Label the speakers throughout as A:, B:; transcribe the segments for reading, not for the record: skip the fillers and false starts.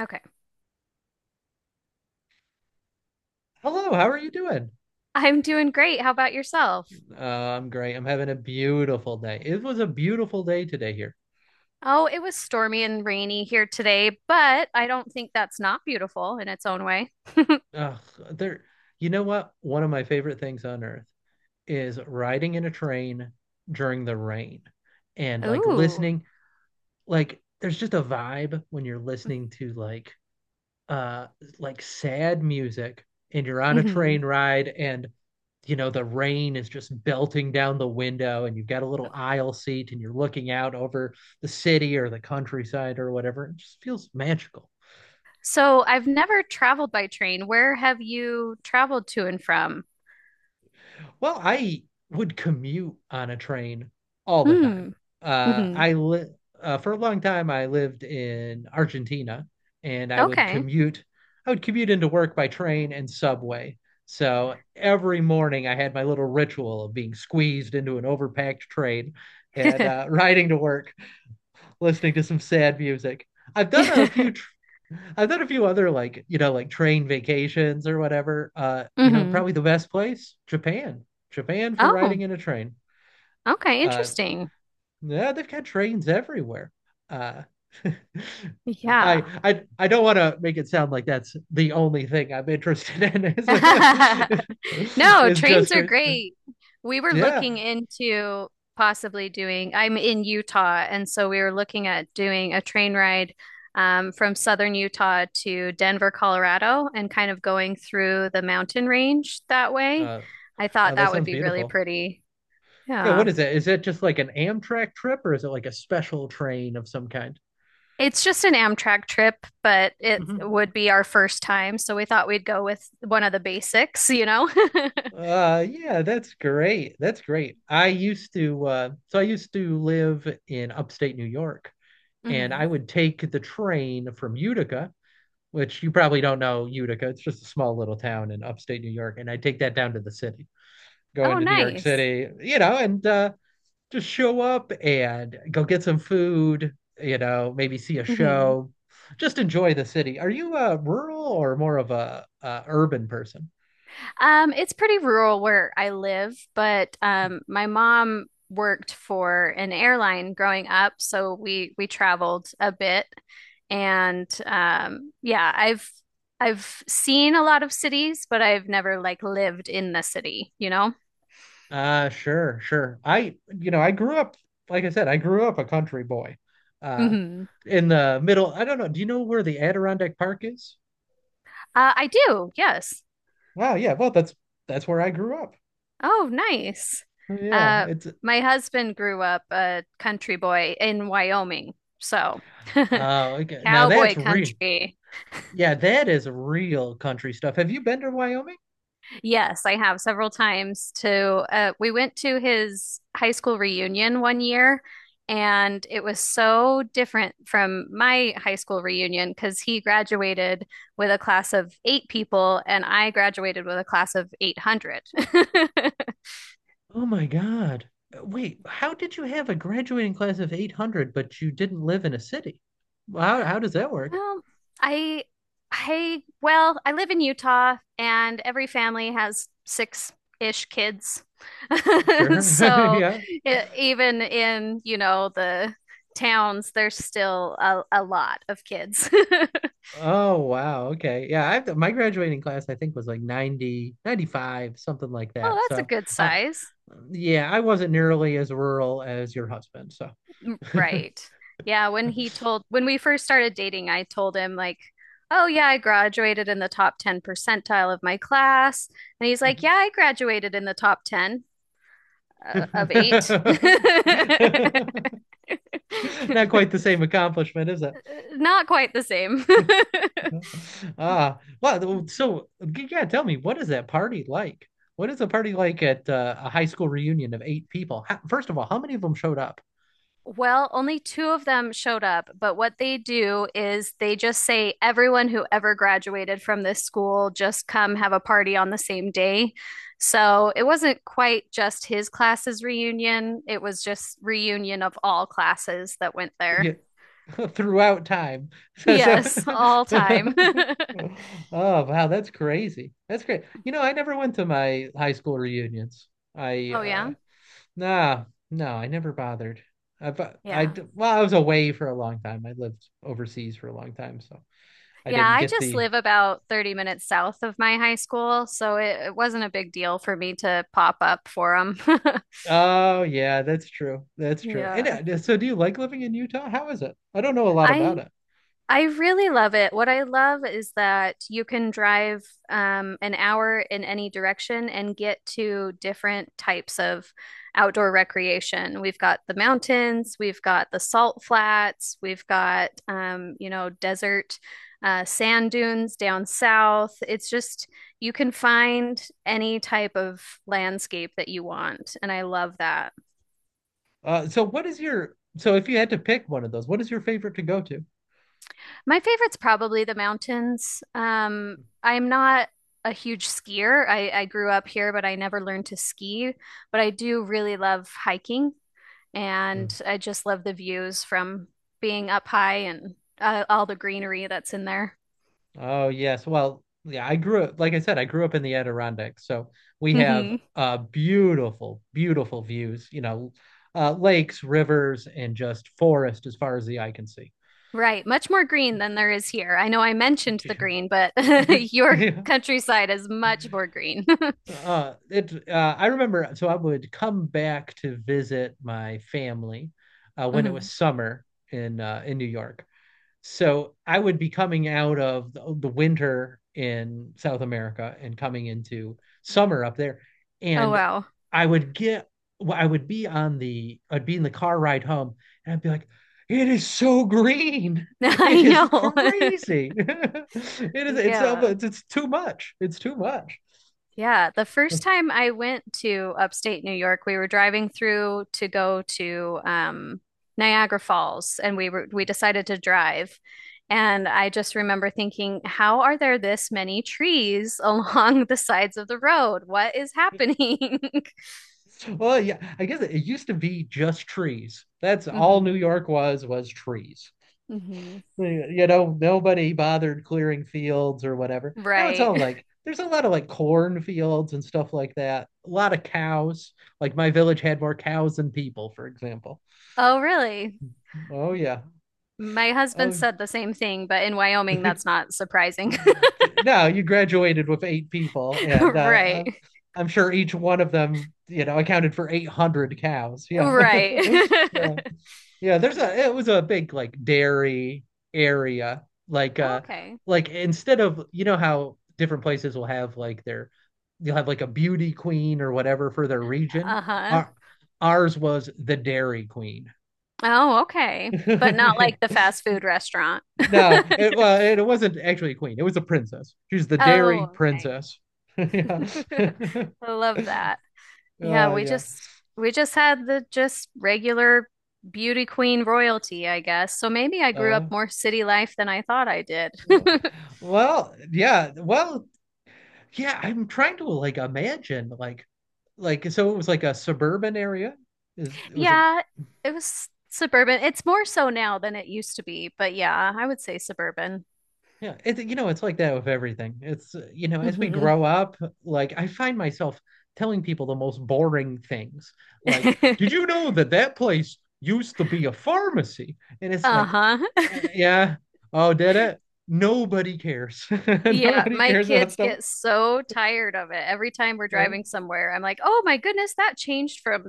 A: Okay.
B: Hello, how are you doing?
A: I'm doing great. How about yourself?
B: I'm great. I'm having a beautiful day. It was a beautiful day today here.
A: Oh, it was stormy and rainy here today, but I don't think that's not beautiful in its own way.
B: Ugh, there, you know what? One of my favorite things on earth is riding in a train during the rain and like
A: Ooh.
B: listening. Like, there's just a vibe when you're listening to uh like sad music and you're on a
A: Hmm.
B: train ride, and you know the rain is just belting down the window and you've got a little aisle seat and you're looking out over the city or the countryside or whatever. It just feels magical.
A: So I've never traveled by train. Where have you traveled to and from?
B: Well, I would commute on a train all the time.
A: Hmm. Hmm.
B: I li for a long time I lived in Argentina, and I would
A: Okay.
B: commute. I would commute into work by train and subway. So every morning I had my little ritual of being squeezed into an overpacked train and riding to work, listening to some sad music. I've done a few tr- I've done a few other like, you know, like train vacations or whatever. You know,
A: Hmm.
B: probably the best place, Japan. Japan for riding
A: Oh,
B: in a train.
A: okay.
B: Uh,
A: Interesting.
B: yeah, they've got trains everywhere. Uh, I
A: Yeah.
B: I I don't want to make it sound like that's the only thing I'm interested in is
A: No,
B: is just
A: trains are
B: trains.
A: great. We were
B: Yeah.
A: looking into possibly doing, I'm in Utah, and so we were looking at doing a train ride from southern Utah to Denver, Colorado, and kind of going through the mountain range that way.
B: Uh,
A: I thought
B: that
A: that would
B: sounds
A: be really
B: beautiful.
A: pretty.
B: Yeah, what
A: Yeah.
B: is that? Is that just like an Amtrak trip or is it like a special train of some kind?
A: It's just an Amtrak trip, but it
B: Mhm.
A: would be our first time, so we thought we'd go with one of the basics, you know?
B: Yeah, that's great. That's great. I used to so I used to live in upstate New York, and I
A: Hmm.
B: would take the train from Utica, which you probably don't know. Utica, it's just a small little town in upstate New York, and I'd take that down to the city. Go
A: Oh,
B: into New York
A: nice.
B: City, you know, and just show up and go get some food, you know, maybe see a
A: Mhm.
B: show, just enjoy the city. Are you a rural or more of a, urban person?
A: It's pretty rural where I live, but my mom worked for an airline growing up, so we traveled a bit, and yeah, I've seen a lot of cities, but I've never like lived in the city, you know?
B: Sure, sure. I, you know, I grew up, like I said, I grew up a country boy. Uh,
A: Hmm.
B: in the middle, I don't know. Do you know where the Adirondack Park is?
A: I do, yes.
B: Wow, yeah. Well, that's where I grew up.
A: Oh, nice.
B: Oh, Yeah,
A: Uh,
B: it's
A: my husband grew up a country boy in Wyoming, so
B: oh, okay. Now that's
A: cowboy
B: real.
A: country.
B: Yeah, that is real country stuff. Have you been to Wyoming?
A: Yes, I have several times to we went to his high school reunion one year and it was so different from my high school reunion because he graduated with a class of eight people and I graduated with a class of 800.
B: Oh my God. Wait, how did you have a graduating class of 800, but you didn't live in a city? How does that work?
A: Well, I I live in Utah and every family has six-ish kids.
B: Sure.
A: So
B: Yeah.
A: it, even in, the towns, there's still a lot of kids.
B: Oh wow. Okay. Yeah, I have my graduating class I think was like 90 95, something like
A: Oh,
B: that.
A: that's a
B: So,
A: good
B: uh,
A: size.
B: yeah, I wasn't nearly as rural as your husband, so.
A: Right. Yeah, when he told when we first started dating, I told him like, "Oh yeah, I graduated in the top 10 percentile of my class." And he's like, "Yeah, I graduated in the top 10." Of eight.
B: Not quite the same accomplishment, is it?
A: Not quite the same.
B: Ah, well, so yeah, tell me, what is that party like? What is a party like at a high school reunion of eight people? How, first of all, how many of them showed up?
A: Well, only two of them showed up, but what they do is they just say everyone who ever graduated from this school just come have a party on the same day. So it wasn't quite just his class's reunion, it was just reunion of all classes that went
B: Yeah,
A: there.
B: throughout time. So, so
A: Yes, all time.
B: oh wow, that's crazy. That's great. You know, I never went to my high school reunions. I
A: Oh yeah.
B: nah, no, I never bothered. I, bu- I
A: Yeah.
B: d- well, I was away for a long time. I lived overseas for a long time, so I
A: Yeah,
B: didn't
A: I
B: get
A: just
B: the.
A: live about 30 minutes south of my high school, so it wasn't a big deal for me to pop up for them.
B: Oh yeah, that's true. That's true. And
A: Yeah.
B: so, do you like living in Utah? How is it? I don't know a lot about
A: I
B: it.
A: I really love it. What I love is that you can drive an hour in any direction and get to different types of outdoor recreation. We've got the mountains, we've got the salt flats, we've got, desert sand dunes down south. It's just, you can find any type of landscape that you want. And I love that.
B: So what is your if you had to pick one of those, what is your favorite to go
A: My favorite's probably the mountains. I'm not a huge skier. I grew up here, but I never learned to ski. But I do really love hiking,
B: to?
A: and I just love the views from being up high and all the greenery that's in there.
B: Oh yes. Well, yeah, I grew up, like I said, I grew up in the Adirondacks. So we have
A: Hmm.
B: beautiful, beautiful views, you know, lakes, rivers, and just forest as far as the eye can see.
A: Right, much more green than there is here. I know I mentioned the green, but your
B: Yeah.
A: countryside is much more green.
B: It I remember so I would come back to visit my family when it was
A: Hmm.
B: summer in New York. So I would be coming out of the winter in South America and coming into summer up there.
A: Oh,
B: And
A: wow.
B: I would get, well, I would be on I'd be in the car ride home, and I'd be like, it is so green.
A: I
B: It is
A: know.
B: crazy. it is, it's,
A: Yeah.
B: it's, it's too much. It's too much.
A: Yeah, the first time I went to upstate New York, we were driving through to go to Niagara Falls, and we decided to drive. And I just remember thinking, how are there this many trees along the sides of the road? What is happening?
B: Well, yeah, used to be just trees. That's all New
A: Hmm.
B: York was trees.
A: Hmm.
B: You know, nobody bothered clearing fields or whatever. Now it's
A: Right.
B: all like there's a lot of like corn fields and stuff like that. A lot of cows. Like my village had more cows than people, for example.
A: Oh, really?
B: Oh yeah.
A: My husband
B: Oh
A: said the same thing, but in Wyoming, that's not surprising.
B: no, you graduated with eight people, and
A: Right.
B: I'm sure each one of them, you know, accounted for 800 cows. Yeah.
A: Right.
B: Yeah. Yeah.
A: Yeah.
B: It was a big like dairy area. Like, uh,
A: Okay.
B: like instead of, you know, how different places will have like you'll have like a beauty queen or whatever for their region.
A: Uh-huh.
B: Our, ours was the dairy queen.
A: Oh, okay. But not
B: Yeah.
A: like the fast food restaurant.
B: No, well, it wasn't actually a queen. It was a princess. She's the dairy
A: Oh,
B: princess. Yeah.
A: okay. I love that. Yeah, we
B: Yeah.
A: just we just had the just regular beauty queen royalty, I guess. So maybe I grew up
B: Uh,
A: more city life than I thought I did.
B: w- well, yeah. Well, yeah. I'm trying to like imagine like so it was like a suburban area. Is it was a
A: Yeah, it was suburban. It's more so now than it used to be, but yeah, I would say suburban.
B: Yeah, you know, it's like that with everything. You know, as we
A: Hmm.
B: grow up, like I find myself telling people the most boring things. Like, did you know that that place used to be a pharmacy? And it's like,
A: Uh-huh.
B: yeah, yeah. Oh, did it? Nobody cares.
A: Yeah,
B: Nobody
A: my
B: cares about
A: kids
B: stuff.
A: get so tired of it. Every time we're
B: Uh,
A: driving somewhere, I'm like, "Oh my goodness, that changed from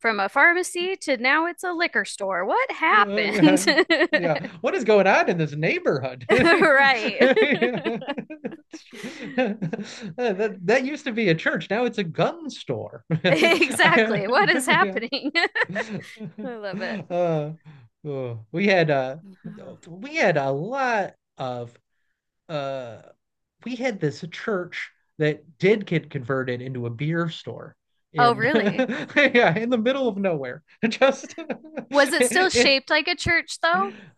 A: from a pharmacy to now it's a liquor store. What
B: Oh yeah.
A: happened?"
B: Yeah. What is going on in this neighborhood?
A: Right.
B: That
A: Good.
B: that used to be a church. Now it's a gun store.
A: Exactly. What is
B: Yeah.
A: happening? I love it.
B: Uh, oh,
A: Mhm.
B: we had a lot of uh we had this church that did get converted into a beer store
A: Oh,
B: in
A: really?
B: yeah, in the middle of nowhere. Just
A: Was it still
B: in
A: shaped like a church though?
B: it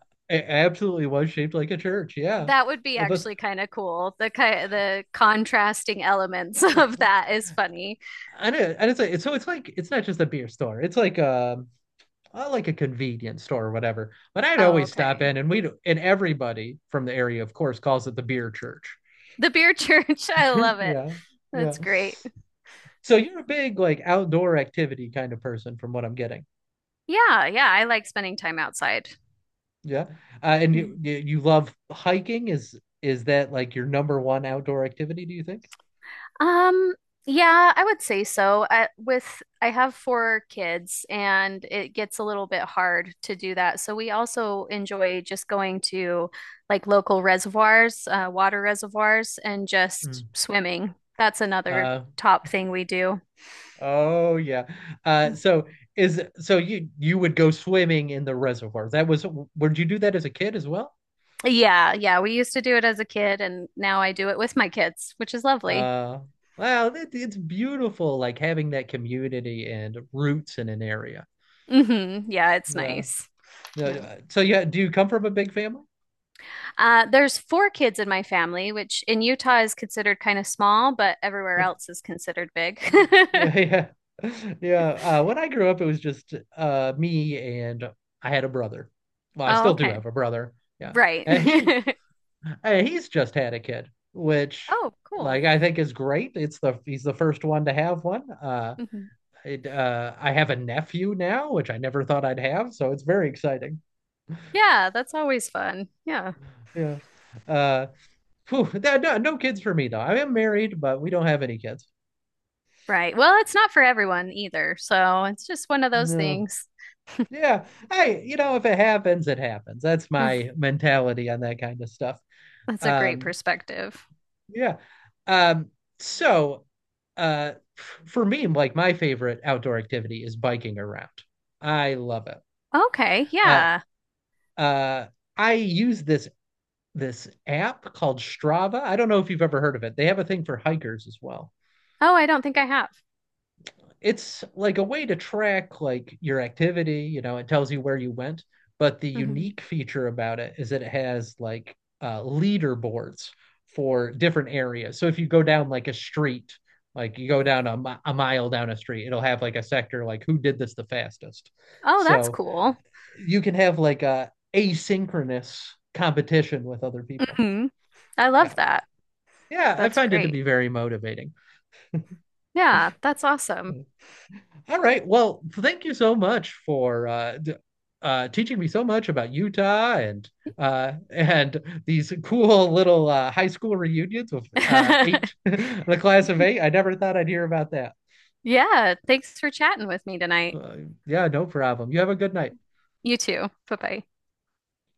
B: absolutely was shaped like a church, yeah.
A: That would be
B: But
A: actually kind of cool. The contrasting elements of that is funny.
B: I don't say so. It's like it's not just a beer store. It's like a convenience store or whatever. But I'd
A: Oh,
B: always stop
A: okay.
B: in, and everybody from the area, of course, calls it the beer church.
A: The beer church. I love it.
B: Yeah, yeah.
A: That's great.
B: So you're a big like outdoor activity kind of person, from what I'm getting.
A: Yeah, yeah, I like spending time outside.
B: Yeah, and you
A: Mhm.
B: you you love hiking. Is that like your number one outdoor activity, do you think?
A: Um, yeah, I would say so. I have four kids and it gets a little bit hard to do that. So we also enjoy just going to like local reservoirs, water reservoirs, and just
B: Mm.
A: swimming. That's another
B: Uh,
A: top thing we do.
B: oh yeah. So is so you would go swimming in the reservoir. That was would you do that as a kid as well?
A: Yeah, yeah, we used to do it as a kid and now I do it with my kids, which is lovely.
B: Uh, wow, that, it's beautiful, like having that community and roots in an area.
A: Hmm. Yeah, it's
B: Yeah.
A: nice.
B: Yeah.
A: Yeah.
B: So yeah, do you come from a big family?
A: There's four kids in my family, which in Utah is considered kind of small, but everywhere else is considered big.
B: Yeah. Yeah. When I grew up, it was just me and I had a brother. Well, I
A: Oh,
B: still do
A: okay.
B: have a brother. Yeah.
A: Right.
B: And he Hey, he's just had a kid, which
A: Oh, cool.
B: like I think is great. It's the He's the first one to have one.
A: Mhm.
B: I have a nephew now, which I never thought I'd have, so it's very exciting.
A: Yeah, that's always fun. Yeah.
B: Yeah. Uh, no, no kids for me though. I am married, but we don't have any kids.
A: Right. Well, it's not for everyone either. So it's just one of those
B: No.
A: things.
B: Yeah. Hey, you know, if it happens, it happens. That's
A: Mm.
B: my mentality on that kind of stuff.
A: That's a great
B: Um,
A: perspective.
B: Yeah. Um, so for me, like my favorite outdoor activity is biking around. I love it.
A: Okay.
B: Uh
A: Yeah.
B: uh I use this app called Strava. I don't know if you've ever heard of it. They have a thing for hikers as well.
A: Oh, I don't think I have.
B: It's like a way to track like your activity, you know, it tells you where you went, but the
A: Hmm.
B: unique feature about it is that it has like leaderboards for different areas. So if you go down like a street, like you go down a mile down a street, it'll have like a sector like who did this the fastest,
A: Oh, that's
B: so
A: cool.
B: you can have like a asynchronous competition with other people.
A: Hmm. I
B: Yeah,
A: love that.
B: yeah, I
A: That's
B: find it to
A: great.
B: be very motivating.
A: Yeah, that's awesome.
B: All right. Well, thank you so much for teaching me so much about Utah and uh, and these cool little high school reunions with eight, the class of eight. I never thought I'd hear about that.
A: Yeah, thanks for chatting with me tonight.
B: Uh, yeah, no problem. You have a good night.
A: You too. Bye bye.